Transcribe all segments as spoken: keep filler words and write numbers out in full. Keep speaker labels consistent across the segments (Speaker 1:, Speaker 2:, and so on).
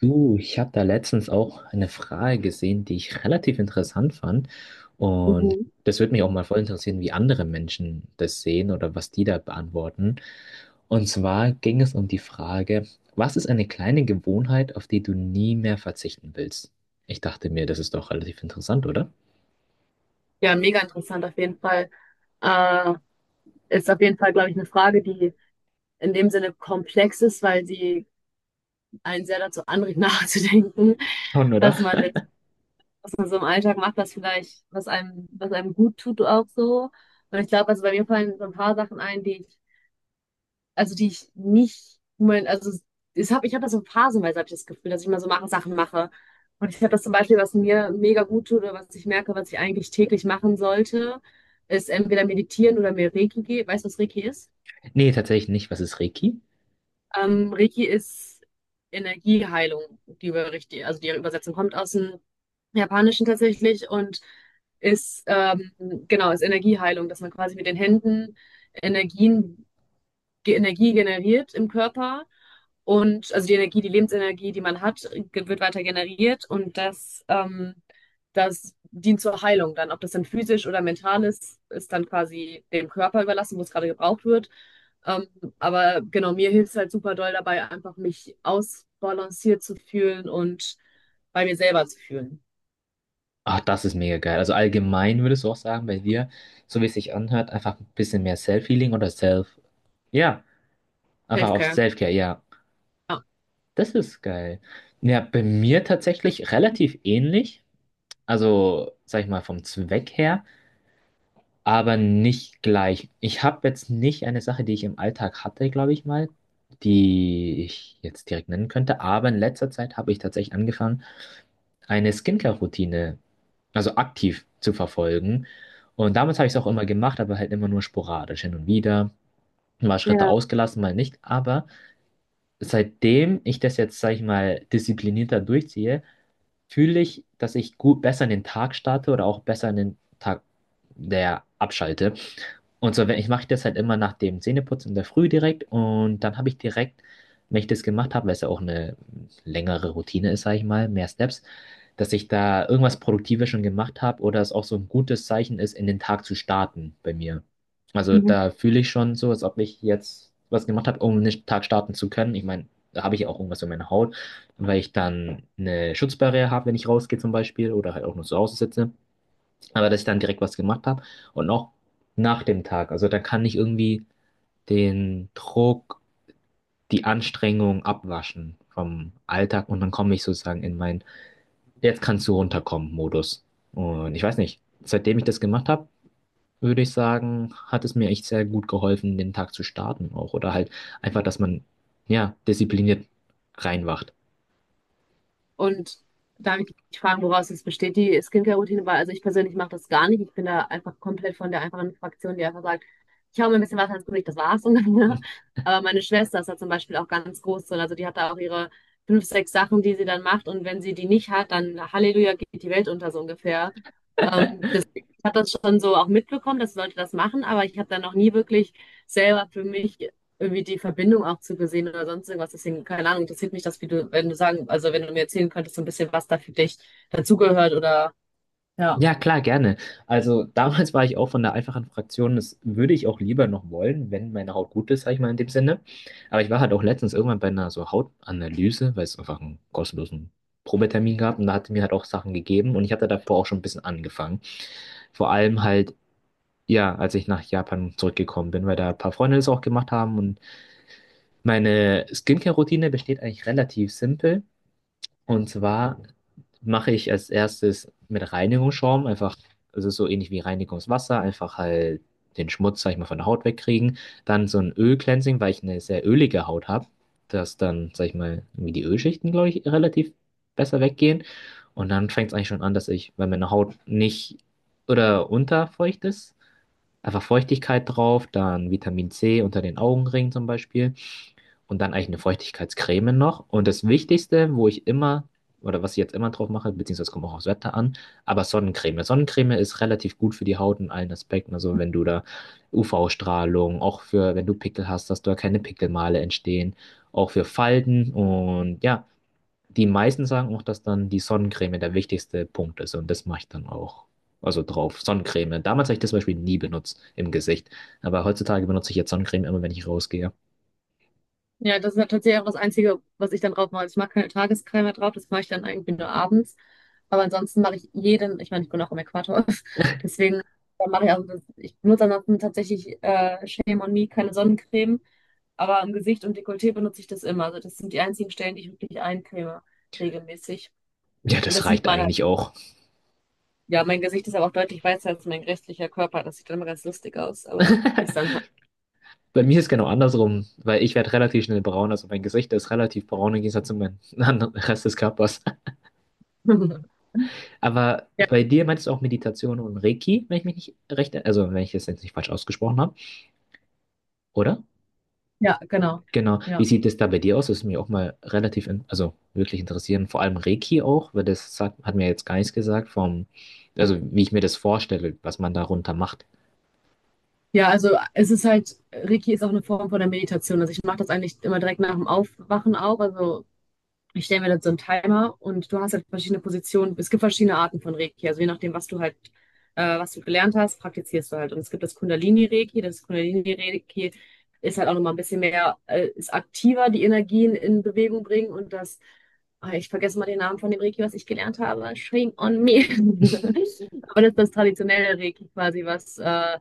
Speaker 1: Du, ich habe da letztens auch eine Frage gesehen, die ich relativ interessant fand. Und
Speaker 2: Mhm.
Speaker 1: das würde mich auch mal voll interessieren, wie andere Menschen das sehen oder was die da beantworten. Und zwar ging es um die Frage, was ist eine kleine Gewohnheit, auf die du nie mehr verzichten willst? Ich dachte mir, das ist doch relativ interessant, oder?
Speaker 2: Ja, mega interessant auf jeden Fall. Äh, ist auf jeden Fall, glaube ich, eine Frage, die in dem Sinne komplex ist, weil sie einen sehr dazu anregt, nachzudenken,
Speaker 1: Schon, oder?
Speaker 2: was man denn, was man so im Alltag macht, was vielleicht, was einem, was einem gut tut auch so. Und ich glaube, also bei mir fallen so ein paar Sachen ein, die ich also die ich nicht, mein, also ich habe ich hab das so phasenweise, habe ich das Gefühl, dass ich mal so mache, Sachen mache. Und ich habe das zum Beispiel, was mir mega gut tut oder was ich merke, was ich eigentlich täglich machen sollte, ist entweder meditieren oder mir Reiki gehen. Weißt du, was Reiki ist?
Speaker 1: Nee, tatsächlich nicht. Was ist Reiki?
Speaker 2: Ähm, Reiki ist Energieheilung, die über richtig, also die Übersetzung kommt aus dem Japanischen tatsächlich und ist ähm, genau, ist Energieheilung, dass man quasi mit den Händen Energien, die Energie generiert im Körper, und also die Energie, die Lebensenergie, die man hat, ge- wird weiter generiert, und das, ähm, das dient zur Heilung dann. Ob das dann physisch oder mental ist, ist dann quasi dem Körper überlassen, wo es gerade gebraucht wird. Ähm, aber genau, mir hilft es halt super doll dabei, einfach mich ausbalanciert zu fühlen und bei mir selber zu fühlen.
Speaker 1: Ach, das ist mega geil. Also allgemein würdest du auch sagen, bei dir, so wie es sich anhört, einfach ein bisschen mehr Self-Healing oder Self. Ja, einfach auf
Speaker 2: Selfcare.
Speaker 1: Self-Care, ja.
Speaker 2: Ja.
Speaker 1: Das ist geil. Ja, bei mir tatsächlich relativ ähnlich. Also, sag ich mal, vom Zweck her, aber nicht gleich. Ich habe jetzt nicht eine Sache, die ich im Alltag hatte, glaube ich mal, die ich jetzt direkt nennen könnte. Aber in letzter Zeit habe ich tatsächlich angefangen, eine Skincare-Routine, also aktiv zu verfolgen. Und damals habe ich es auch immer gemacht, aber halt immer nur sporadisch hin und wieder. Mal Schritte
Speaker 2: Ja.
Speaker 1: ausgelassen, mal nicht. Aber seitdem ich das jetzt, sag ich mal, disziplinierter durchziehe, fühle ich, dass ich gut besser in den Tag starte oder auch besser in den Tag, der abschalte. Und so, wenn ich mache das halt immer nach dem Zähneputzen in der Früh direkt und dann habe ich direkt, wenn ich das gemacht habe, weil es ja auch eine längere Routine ist, sage ich mal, mehr Steps, dass ich da irgendwas Produktives schon gemacht habe oder es auch so ein gutes Zeichen ist, in den Tag zu starten bei mir. Also
Speaker 2: Mhm.
Speaker 1: da fühle ich schon so, als ob ich jetzt was gemacht habe, um den Tag starten zu können. Ich meine, da habe ich ja auch irgendwas in meiner Haut, weil ich dann eine Schutzbarriere habe, wenn ich rausgehe zum Beispiel oder halt auch nur zu Hause sitze. Aber dass ich dann direkt was gemacht habe und auch nach dem Tag. Also dann kann ich irgendwie den Druck, die Anstrengung abwaschen vom Alltag und dann komme ich sozusagen in meinen Jetzt kannst du runterkommen Modus. Und ich weiß nicht, seitdem ich das gemacht habe, würde ich sagen, hat es mir echt sehr gut geholfen, den Tag zu starten auch. Oder halt einfach, dass man ja diszipliniert reinwacht.
Speaker 2: Und darf ich dich fragen, woraus es besteht, die Skincare-Routine? Weil, also ich persönlich mache das gar nicht. Ich bin da einfach komplett von der einfachen Fraktion, die einfach sagt, ich hau mir ein bisschen Wasser ins Gesicht, das war's. Und dann, ne? Aber meine Schwester ist da zum Beispiel auch ganz groß drin. Also die hat da auch ihre fünf, sechs Sachen, die sie dann macht. Und wenn sie die nicht hat, dann Halleluja, geht die Welt unter so ungefähr. Ähm, das, ich habe das schon so auch mitbekommen, dass Leute das machen, aber ich habe da noch nie wirklich selber für mich irgendwie die Verbindung auch zu gesehen oder sonst irgendwas. Deswegen, keine Ahnung, interessiert mich das, wie du, wenn du sagen, also wenn du mir erzählen könntest, so ein bisschen, was da für dich dazugehört oder ja.
Speaker 1: Ja, klar, gerne. Also damals war ich auch von der einfachen Fraktion, das würde ich auch lieber noch wollen, wenn meine Haut gut ist, sag ich mal in dem Sinne. Aber ich war halt auch letztens irgendwann bei einer so Hautanalyse, weil es einfach einen kostenlosen Probetermin gab und da hatte mir halt auch Sachen gegeben und ich hatte davor auch schon ein bisschen angefangen. Vor allem halt, ja, als ich nach Japan zurückgekommen bin, weil da ein paar Freunde das auch gemacht haben und meine Skincare-Routine besteht eigentlich relativ simpel. Und zwar mache ich als erstes mit Reinigungsschaum einfach, also so ähnlich wie Reinigungswasser, einfach halt den Schmutz, sag ich mal, von der Haut wegkriegen. Dann so ein Ölcleansing, weil ich eine sehr ölige Haut habe, dass dann, sag ich mal, irgendwie die Ölschichten, glaube ich, relativ besser weggehen. Und dann fängt es eigentlich schon an, dass ich, wenn meine Haut nicht oder unterfeucht ist, einfach Feuchtigkeit drauf, dann Vitamin C unter den Augenringen zum Beispiel und dann eigentlich eine Feuchtigkeitscreme noch. Und das Wichtigste, wo ich immer, oder was ich jetzt immer drauf mache, beziehungsweise kommt auch aufs Wetter an, aber Sonnencreme. Sonnencreme ist relativ gut für die Haut in allen Aspekten. Also wenn du da U V-Strahlung, auch für, wenn du Pickel hast, dass da keine Pickelmale entstehen, auch für Falten. Und ja, die meisten sagen auch, dass dann die Sonnencreme der wichtigste Punkt ist. Und das mache ich dann auch. Also drauf, Sonnencreme. Damals habe ich das zum Beispiel nie benutzt im Gesicht. Aber heutzutage benutze ich jetzt Sonnencreme immer, wenn ich rausgehe.
Speaker 2: Ja, das ist ja tatsächlich auch das Einzige, was ich dann drauf mache. Also Ich mache keine Tagescreme mehr drauf, das mache ich dann irgendwie nur abends. Aber ansonsten mache ich jeden, ich meine, ich bin auch im Äquator, deswegen dann mache ich also das, ich benutze ansonsten tatsächlich äh, Shame on Me, keine Sonnencreme. Aber im Gesicht und Dekolleté benutze ich das immer. Also das sind die einzigen Stellen, die ich wirklich eincreme, regelmäßig.
Speaker 1: Ja,
Speaker 2: Und das
Speaker 1: das
Speaker 2: sieht
Speaker 1: reicht
Speaker 2: man.
Speaker 1: eigentlich auch.
Speaker 2: Ja, mein Gesicht ist aber auch deutlich weißer als mein restlicher Körper. Das sieht dann immer ganz lustig aus, aber ist dann halt.
Speaker 1: Bei mir ist genau andersrum, weil ich werde relativ schnell braun, also mein Gesicht ist relativ braun im Gegensatz zu meinem anderen Rest des Körpers. Aber
Speaker 2: Ja,
Speaker 1: bei dir meinst du auch Meditation und Reiki, wenn ich mich nicht recht, also wenn ich das jetzt nicht falsch ausgesprochen habe, oder?
Speaker 2: ja, genau.
Speaker 1: Genau. Wie
Speaker 2: Ja.
Speaker 1: sieht es da bei dir aus? Das ist mir auch mal relativ, in, also wirklich interessieren, vor allem Reiki auch, weil das sagt, hat mir jetzt gar nichts gesagt vom, also wie ich mir das vorstelle, was man darunter macht.
Speaker 2: Ja, also es ist halt, Reiki ist auch eine Form von der Meditation. Also ich mache das eigentlich immer direkt nach dem Aufwachen auch. Also Ich stelle mir dann so einen Timer, und du hast halt verschiedene Positionen. Es gibt verschiedene Arten von Reiki. Also je nachdem, was du halt, äh, was du gelernt hast, praktizierst du halt. Und es gibt das Kundalini-Reiki. Das Kundalini-Reiki ist halt auch nochmal ein bisschen mehr, äh, ist aktiver, die Energien in Bewegung bringen. Und das, ah, ich vergesse mal den Namen von dem Reiki, was ich gelernt habe. Shame on me. Aber das ist das traditionelle Reiki quasi, was äh,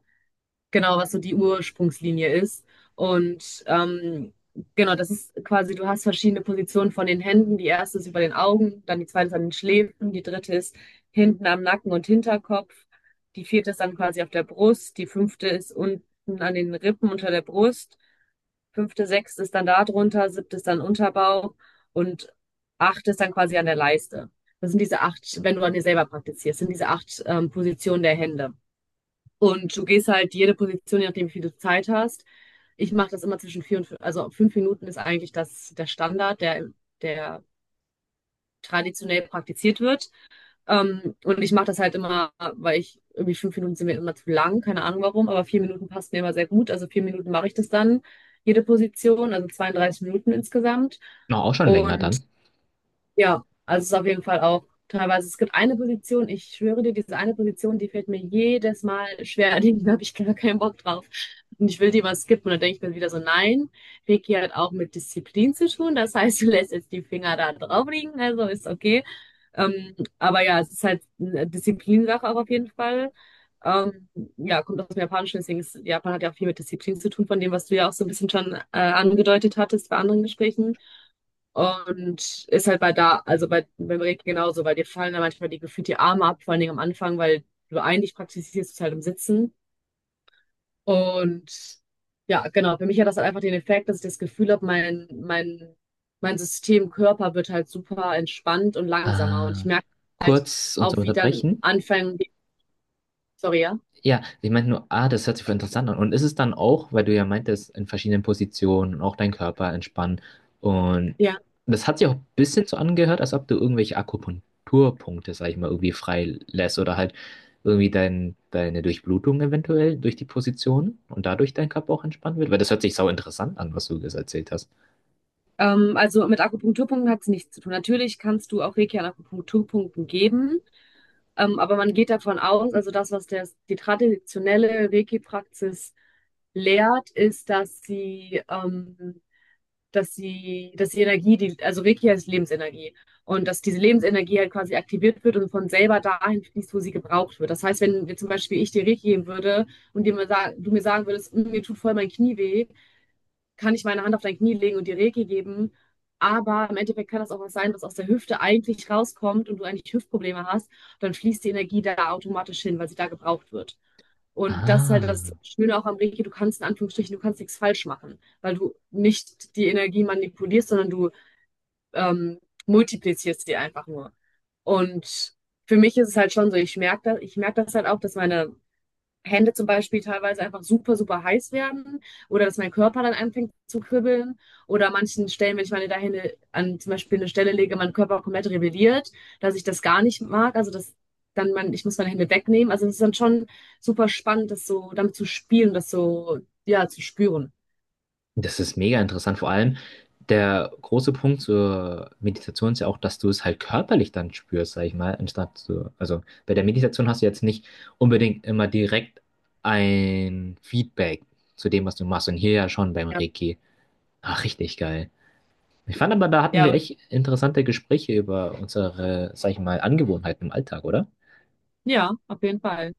Speaker 2: genau, was so die Ursprungslinie ist. Und ähm, genau, das ist quasi, du hast verschiedene Positionen von den Händen. Die erste ist über den Augen, dann die zweite ist an den Schläfen, die dritte ist hinten am Nacken und Hinterkopf, die vierte ist dann quasi auf der Brust, die fünfte ist unten an den Rippen unter der Brust, fünfte, sechste ist dann da drunter, siebte ist dann Unterbauch und achte ist dann quasi an der Leiste. Das sind diese acht, wenn du an dir selber praktizierst, sind diese acht ähm, Positionen der Hände. Und du gehst halt jede Position, je nachdem, wie viel du Zeit hast. Ich mache das immer zwischen vier und fünf, also fünf Minuten ist eigentlich das, der Standard, der, der traditionell praktiziert wird. Ähm, und ich mache das halt immer, weil ich irgendwie fünf Minuten sind mir immer zu lang, keine Ahnung warum, aber vier Minuten passt mir immer sehr gut. Also vier Minuten mache ich das dann, jede Position, also zweiunddreißig Minuten insgesamt.
Speaker 1: Noch auch schon länger
Speaker 2: Und
Speaker 1: dann.
Speaker 2: ja, also es ist auf jeden Fall auch teilweise. Es gibt eine Position, ich schwöre dir, diese eine Position, die fällt mir jedes Mal schwer. Da habe ich gar keinen Bock drauf. Und ich will die mal skippen. Und dann denke ich mir wieder so, nein, Reiki hat auch mit Disziplin zu tun. Das heißt, du lässt jetzt die Finger da drauf liegen, also ist okay. Ähm, aber ja, es ist halt eine Disziplinsache auch auf jeden Fall. Ähm, ja, kommt aus dem Japanischen, deswegen ist, Japan hat ja auch viel mit Disziplin zu tun, von dem, was du ja auch so ein bisschen schon äh, angedeutet hattest bei anderen Gesprächen. Und ist halt bei da, also bei, beim Reiki genauso, weil dir fallen da manchmal die gefühlt die Arme ab, vor allen Dingen am Anfang, weil du eigentlich praktizierst es halt im Sitzen. Und ja, genau, für mich hat das halt einfach den Effekt, dass ich das Gefühl habe, mein, mein, mein System, Körper wird halt super entspannt und langsamer. Und
Speaker 1: Äh,
Speaker 2: ich merke halt
Speaker 1: kurz uns
Speaker 2: auch, wie dann
Speaker 1: unterbrechen.
Speaker 2: anfangen, die- sorry,
Speaker 1: Ja, ich meinte nur, ah, das hört sich voll interessant an. Und ist es dann auch, weil du ja meintest, in verschiedenen Positionen und auch deinen Körper entspannen. Und
Speaker 2: ja?
Speaker 1: das hat sich auch ein bisschen so angehört, als ob du irgendwelche Akupunkturpunkte, sag ich mal, irgendwie freilässt oder halt irgendwie dein, deine Durchblutung eventuell durch die Position und dadurch dein Körper auch entspannt wird. Weil das hört sich sau interessant an, was du jetzt erzählt hast.
Speaker 2: Ähm, also mit Akupunkturpunkten hat es nichts zu tun. Natürlich kannst du auch Reiki an Akupunkturpunkten geben, ähm, aber man geht davon aus, also das, was der, die traditionelle Reiki-Praxis lehrt, ist, dass sie, ähm, dass sie, dass die Energie, die, also Reiki heißt Lebensenergie, und dass diese Lebensenergie halt quasi aktiviert wird und von selber dahin fließt, wo sie gebraucht wird. Das heißt, wenn wir zum Beispiel, ich dir Reiki geben würde und dir mal sag, du mir sagen würdest, "Mm, mir tut voll mein Knie weh," kann ich meine Hand auf dein Knie legen und dir Reiki geben. Aber im Endeffekt kann das auch was sein, was aus der Hüfte eigentlich rauskommt und du eigentlich Hüftprobleme hast. Dann fließt die Energie da automatisch hin, weil sie da gebraucht wird. Und das ist halt
Speaker 1: Ah.
Speaker 2: das Schöne auch am Reiki, du kannst in Anführungsstrichen, du kannst nichts falsch machen, weil du nicht die Energie manipulierst, sondern du ähm, multiplizierst die einfach nur. Und für mich ist es halt schon so, ich merke das, ich merke das halt auch, dass meine Hände zum Beispiel teilweise einfach super, super heiß werden oder dass mein Körper dann anfängt zu kribbeln oder an manchen Stellen, wenn ich meine Hände an zum Beispiel eine Stelle lege, mein Körper komplett rebelliert, dass ich das gar nicht mag, also dass dann man, ich muss meine Hände wegnehmen. Also es ist dann schon super spannend, das so damit zu spielen, das so, ja, zu spüren.
Speaker 1: Das ist mega interessant. Vor allem der große Punkt zur Meditation ist ja auch, dass du es halt körperlich dann spürst, sag ich mal, anstatt so, also bei der Meditation hast du jetzt nicht unbedingt immer direkt ein Feedback zu dem, was du machst. Und hier ja schon beim
Speaker 2: Ja,
Speaker 1: Reiki. Ach, richtig geil. Ich fand aber, da hatten wir
Speaker 2: ja,
Speaker 1: echt interessante Gespräche über unsere, sag ich mal, Angewohnheiten im Alltag, oder?
Speaker 2: ja, auf jeden Fall.